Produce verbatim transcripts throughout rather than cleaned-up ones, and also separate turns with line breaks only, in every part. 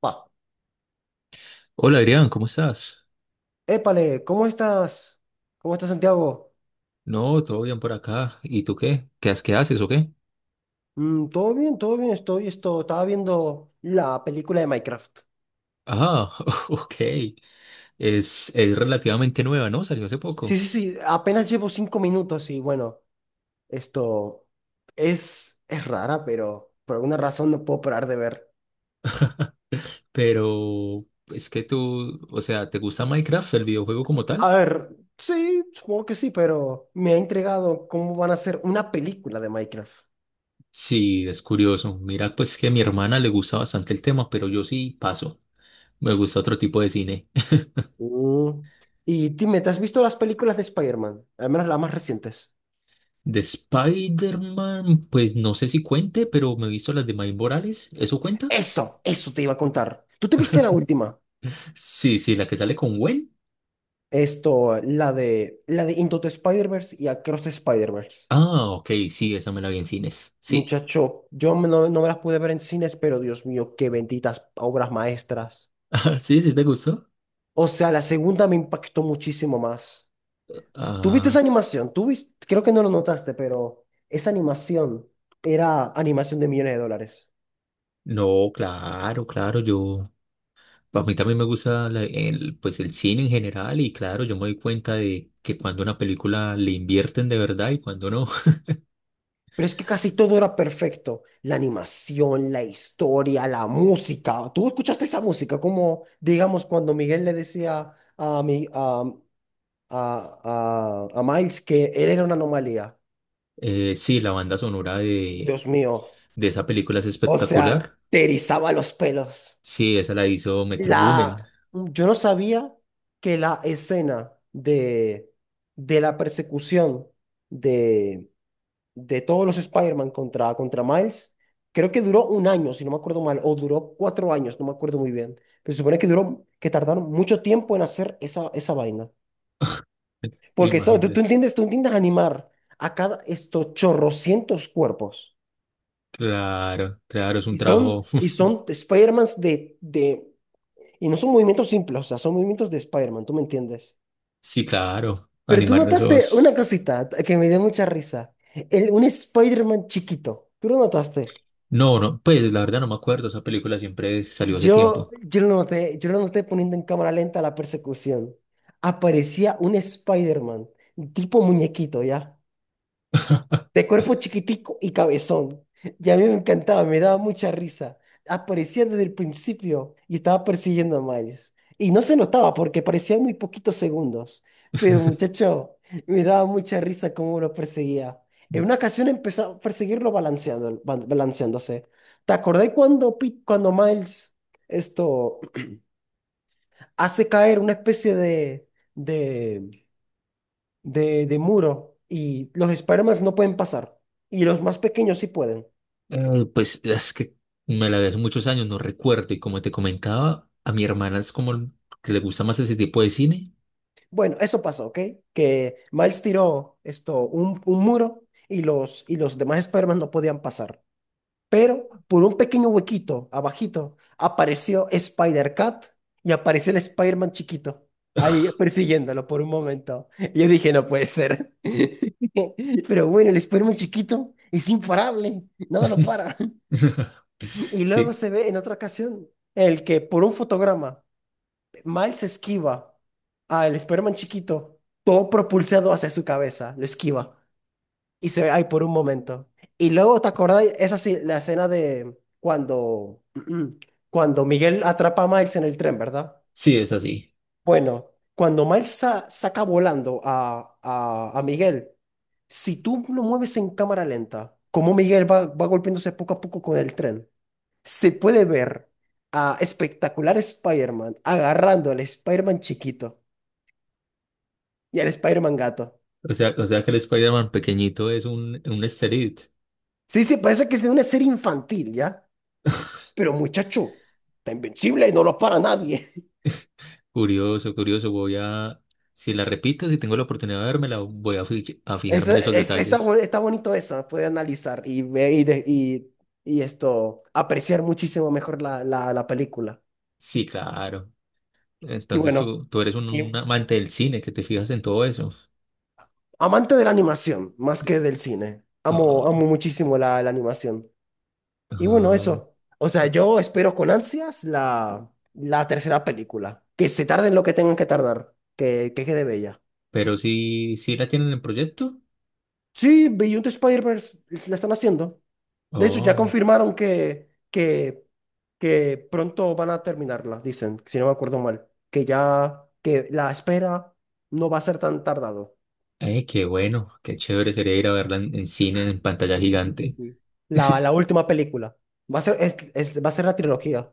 Va.
Hola Adrián, ¿cómo estás?
Épale, ¿cómo estás? ¿Cómo estás, Santiago?
No, todo bien por acá. ¿Y tú qué? ¿Qué, has- qué haces o qué?
Mm, todo bien, todo bien, estoy, esto, estaba viendo la película de Minecraft.
Ah, ok. Es, es relativamente nueva, ¿no? Salió hace
Sí,
poco.
sí, sí, apenas llevo cinco minutos y bueno, esto es, es rara, pero por alguna razón no puedo parar de ver.
Pero es que tú, o sea, ¿te gusta Minecraft, el videojuego como
A
tal?
ver, sí, supongo que sí, pero me ha intrigado cómo van a hacer una película de Minecraft.
Sí, es curioso. Mira, pues que a mi hermana le gusta bastante el tema, pero yo sí paso. Me gusta otro tipo de cine.
Mm, Y dime, ¿te has visto las películas de Spider-Man? Al menos las más recientes.
De Spider-Man, pues no sé si cuente, pero me he visto las de Miles Morales. ¿Eso cuenta?
Eso, eso te iba a contar. ¿Tú te viste la última?
Sí, sí, la que sale con Gwen.
Esto, la de, la de Into the Spider-Verse y Across the Spider-Verse.
Ah, ok, sí, esa me la vi en cines. Sí,
Muchacho, yo me- no, no me las pude ver en cines, pero Dios mío, qué benditas obras maestras.
Ah, sí, sí, ¿te gustó?
O sea, la segunda me impactó muchísimo más. ¿Tuviste
Ah,
esa animación? ¿Tú vis- Creo que no lo notaste, pero esa animación era animación de millones de dólares.
no, claro, claro, yo, a mí también me gusta la- el, pues el cine en general y claro, yo me doy cuenta de que cuando una película le invierten de verdad y cuando no.
Pero es que casi todo era perfecto. La animación, la historia, la música. ¿Tú escuchaste esa música? Como, digamos, cuando Miguel le decía a mi, a a, a, a Miles que él era una anomalía.
Eh, sí, la banda sonora de,
Dios mío.
de esa película es
O sea,
espectacular.
te erizaba los pelos.
Sí, esa la hizo Metro
La,
Boomin.
yo no sabía que la escena de, de la persecución de, de todos los Spider-Man contra, contra Miles, creo que duró un año, si no me acuerdo mal, o duró cuatro años, no me acuerdo muy bien. Pero se supone que duró, que tardaron mucho tiempo en hacer esa, esa vaina. Porque ¿sabes? Tú, tú
Imagínate.
entiendes, tú entiendes animar a cada estos chorrocientos cuerpos.
Claro, claro, es un
Y son,
trabajo.
y son Spider-Mans de, de. Y no son movimientos simples, o sea, son movimientos de Spider-Man, ¿tú me entiendes?
Sí, claro,
Pero tú
animar
notaste una
esos.
cosita t- que me dio mucha risa. El, un Spider-Man chiquito. ¿Tú lo notaste?
No, no, pues la verdad no me acuerdo, esa película siempre salió hace
Yo,
tiempo.
yo lo noté, yo lo noté poniendo en cámara lenta la persecución. Aparecía un Spider-Man, tipo muñequito, ¿ya? De cuerpo chiquitico y cabezón. Y a mí me encantaba, me daba mucha risa. Aparecía desde el principio y estaba persiguiendo a Miles. Y no se notaba porque parecían muy poquitos segundos. Pero muchacho, me daba mucha risa cómo lo perseguía. En una ocasión empezó a perseguirlo balanceando, ba- balanceándose. ¿Te acordás cuando, Pit- cuando Miles esto hace caer una especie de, de, de, de muro y los Spider-Man no pueden pasar? Y los más pequeños sí pueden.
Eh, pues es que me la vi hace muchos años, no recuerdo. Y como te comentaba, a mi hermana es como el- que le gusta más ese tipo de cine.
Bueno, eso pasó, ¿ok? Que Miles tiró esto, un, un muro y los, y los demás Spider-Man no podían pasar. Pero por un pequeño huequito abajito apareció Spider-Cat y apareció el Spider-Man chiquito. Ahí persiguiéndolo por un momento. Y yo dije, no puede ser. Pero bueno, el Spider-Man chiquito es imparable. Nada lo para. Y luego
Sí,
se ve en otra ocasión el que por un fotograma Miles esquiva al Spider-Man chiquito, todo propulsado hacia su cabeza, lo esquiva y se ve ahí por un momento. Y luego, ¿te acordás? Esa sí, la escena de cuando, cuando Miguel atrapa a Miles en el tren, ¿verdad?
sí, es así.
Bueno, cuando Miles sa- saca volando a, a, a Miguel, si tú lo mueves en cámara lenta, como Miguel va, va golpeándose poco a poco con el tren, se puede ver a espectacular Spider-Man agarrando al Spider-Man chiquito. Y el Spider-Man gato.
O sea, o sea que el Spider-Man pequeñito es un, un easter egg.
Sí, sí, parece que es de una serie infantil, ¿ya? Pero muchacho, está invencible y no lo para nadie.
Curioso, curioso. Voy a, si la repito, si tengo la oportunidad de verme, la voy a, fi- a fijarme
Eso,
en esos
es- está,
detalles.
bu- está bonito eso, ¿eh? Puede analizar y, ve- y, de- y, y esto, apreciar muchísimo mejor la, la, la película.
Sí, claro.
Y
Entonces
bueno,
tú, tú eres un,
y
un amante del cine que te fijas en todo eso.
amante de la animación, más que del cine. Amo,
Oh,
amo muchísimo la, la animación. Y bueno,
ajá.
eso. O
Bueno,
sea,
Pero
yo espero con ansias la, la tercera película. Que se tarden lo que tengan que tardar. Que, que quede bella.
sí, sí la tienen en proyecto.
Sí, Beyond the Spider-Verse la están haciendo. De hecho, ya
Oh,
confirmaron que, que, que pronto van a terminarla, dicen, si no me acuerdo mal. Que ya, que la espera no va a ser tan tardado.
eh, qué bueno, qué chévere sería ir a verla en, en cine, en pantalla
Sí, sí, sí, sí,
gigante.
sí. La, la última película. Va a ser, es- es- va a ser la trilogía.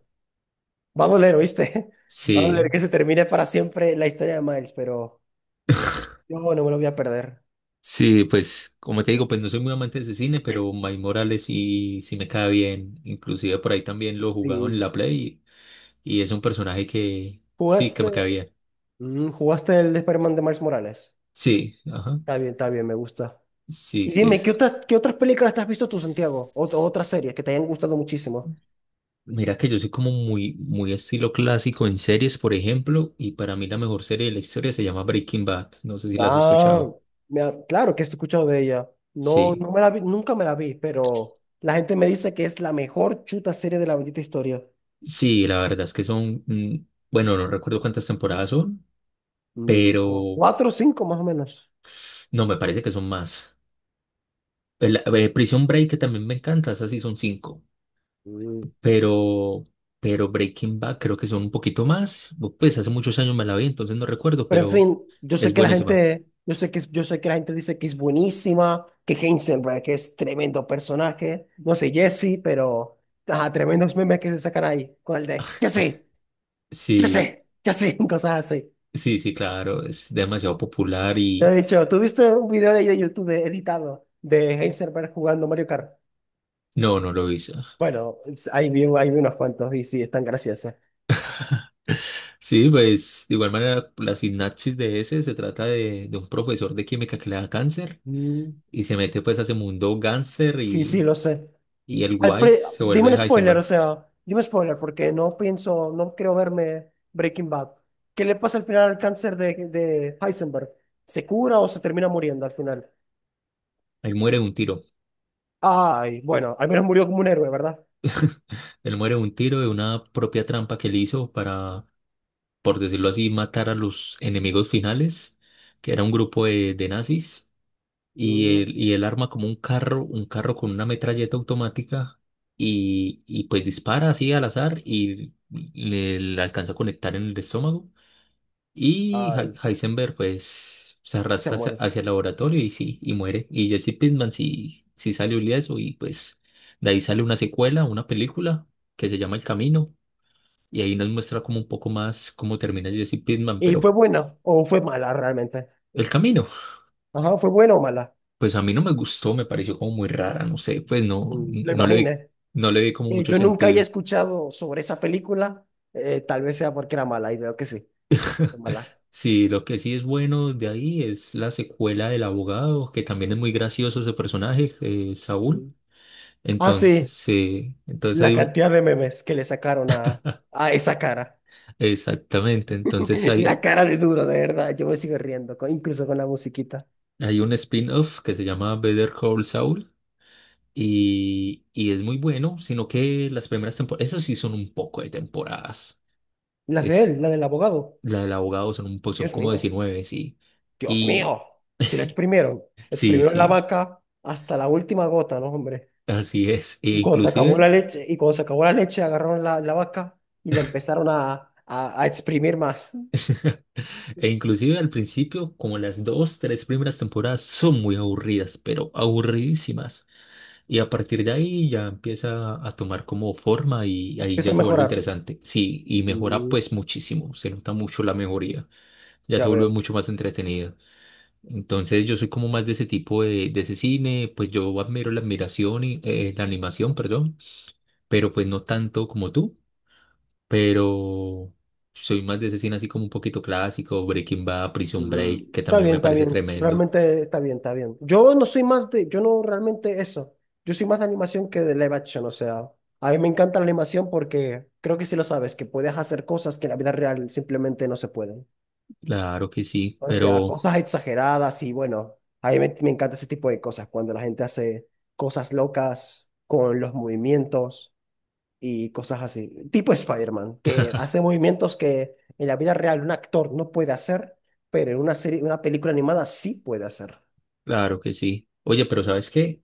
Va a doler, ¿oíste? Va a doler
Sí,
que se termine para siempre la historia de Miles, pero yo no me lo voy a perder.
sí, pues como te digo, pues no soy muy amante de ese cine, pero Miles Morales sí, sí me cae bien. Inclusive por ahí también lo he jugado en
Sí.
la Play y, y es un personaje que sí, que me cae
¿Jugaste,
bien.
mm, jugaste el Spider-Man de Miles Morales?
Sí, ajá,
Está bien, está bien, me gusta.
sí,
Y
sí
dime, ¿qué
es.
otras, qué otras películas te has visto tú, Santiago? O, o otras series que te hayan gustado muchísimo.
Mira que yo soy como muy, muy estilo clásico en series, por ejemplo, y para mí la mejor serie de la historia se llama Breaking Bad. No sé si la has
Ah,
escuchado.
me ha- claro que he escuchado de ella. No,
Sí,
no me la vi, nunca me la vi, pero la gente me dice que es la mejor chuta serie de la bendita historia.
sí, la verdad es que son, mm, bueno, no recuerdo cuántas temporadas son,
Mm, como
pero
cuatro o cinco más o menos.
no, me parece que son más. El- eh, Prison Break, que también me encanta, esas sí son cinco,
Mm.
pero, pero Breaking Bad creo que son un poquito más. Pues hace muchos años me la vi, entonces no recuerdo,
Pero en
pero
fin, yo
es
sé que la
buenísima.
gente, yo sé que, yo sé que la gente dice que es buenísima, que Heisenberg es tremendo personaje, no sé, Jesse, pero ajá, tremendos memes que se sacan ahí con el de Jesse. Ya
Sí,
sé, ya sé, cosas así.
sí, sí, claro, es demasiado popular y...
De hecho, tuviste un video de ahí de YouTube de- editado de Heisenberg jugando Mario Kart.
No, no lo hizo.
Bueno, es- ahí vi, ahí vi unos cuantos y sí, están graciosos.
Sí, pues de igual manera la sinapsis de ese se trata de, de un profesor de química que le da cáncer
Mm,
y se mete pues a ese mundo gánster
sí, sí,
y,
lo sé.
y el
Al
guay
pre-
se
dime
vuelve
un spoiler, o
Heisenberg.
sea, dime un spoiler porque no pienso, no quiero verme Breaking Bad. ¿Qué le pasa al final al cáncer de, de Heisenberg? ¿Se cura o se termina muriendo al final?
Él muere de un tiro.
Ay, bueno, al menos murió como un héroe, ¿verdad?
Él muere de un tiro de una propia trampa que él hizo para, por decirlo así, matar a los enemigos finales, que era un grupo de, de nazis. y
Mm,
él, y él arma como un carro, un carro con una metralleta automática y, y pues dispara así al azar y le, le alcanza a conectar en el estómago y Hei-
ay,
Heisenberg pues se
se
arrastra hacia,
muere.
hacia el laboratorio y sí, y muere. Y Jesse Pinkman sí, sí salió ileso y pues de ahí sale una secuela, una película que se llama El Camino y ahí nos muestra como un poco más cómo termina Jesse Pinkman,
¿Y fue
pero
buena o fue mala realmente?
El Camino.
Ajá, ¿fue buena o mala?
Pues a mí no me gustó, me pareció como muy rara, no sé, pues no,
Mm, Lo
no le
imaginé.
vi,
Eh,
no le vi como
Eh,
mucho
yo nunca había
sentido.
escuchado sobre esa película. eh, tal vez sea porque era mala y veo que sí, fue mala.
Sí, lo que sí es bueno de ahí es la secuela del abogado, que también es muy gracioso ese personaje, eh, Saúl.
Mm. Ah,
Entonces,
sí,
sí, entonces
la
hay un,
cantidad de memes que le sacaron a, a esa cara.
exactamente, entonces
La
hay,
cara de duro, de verdad. Yo me sigo riendo, con- incluso con la musiquita.
hay un spin-off que se llama Better Call Saul y, y es muy bueno, sino que las primeras temporadas, esas sí son un poco de temporadas.
La de
Es,
él, la del abogado.
la del abogado son un poco, son
Dios
como
mío,
diecinueve sí.
Dios
y
mío. Si lo exprimieron,
Sí,
exprimieron la
sí,
vaca hasta la última gota, ¿no, hombre?
así es. E
Y cuando se acabó
inclusive,
la leche, y cuando se acabó la leche, agarraron la, la vaca y la empezaron a, a, a exprimir más.
e inclusive al principio, como las dos, tres primeras temporadas son muy aburridas, pero aburridísimas. Y a partir de ahí ya empieza a tomar como forma y ahí ya
Empezó a
se vuelve
mejorar.
interesante. Sí, y mejora
Mm,
pues muchísimo, se nota mucho la mejoría, ya
ya
se vuelve
veo.
mucho más entretenida. Entonces yo soy como más de ese tipo de, de ese cine, pues yo admiro la admiración y eh, la animación, perdón, pero pues no tanto como tú. Pero soy más de ese cine así como un poquito clásico, Breaking Bad, Prison
Mm,
Break, que
está
también
bien,
me
está
parece
bien.
tremendo.
Realmente está bien, está bien. Yo no soy más de, yo no realmente eso. Yo soy más de animación que de live action. O sea, a mí me encanta la animación porque creo que sí lo sabes, que puedes hacer cosas que en la vida real simplemente no se pueden.
Claro que sí,
O sea,
pero
cosas exageradas y bueno, a mí me, me encanta ese tipo de cosas, cuando la gente hace cosas locas con los movimientos y cosas así. Tipo Spider-Man, que hace movimientos que en la vida real un actor no puede hacer, pero en una serie, una película animada sí puede hacer.
claro que sí. Oye, pero ¿sabes qué?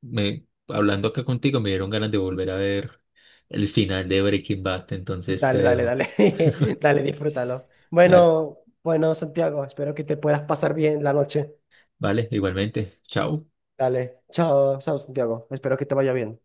Me, hablando acá contigo me dieron ganas de volver a ver el final de Breaking Bad, entonces te
Dale, dale,
dejo.
dale, dale, disfrútalo.
Dale,
Bueno, bueno, Santiago, espero que te puedas pasar bien la noche.
vale, igualmente. Chao.
Dale, chao, chao, Santiago, espero que te vaya bien.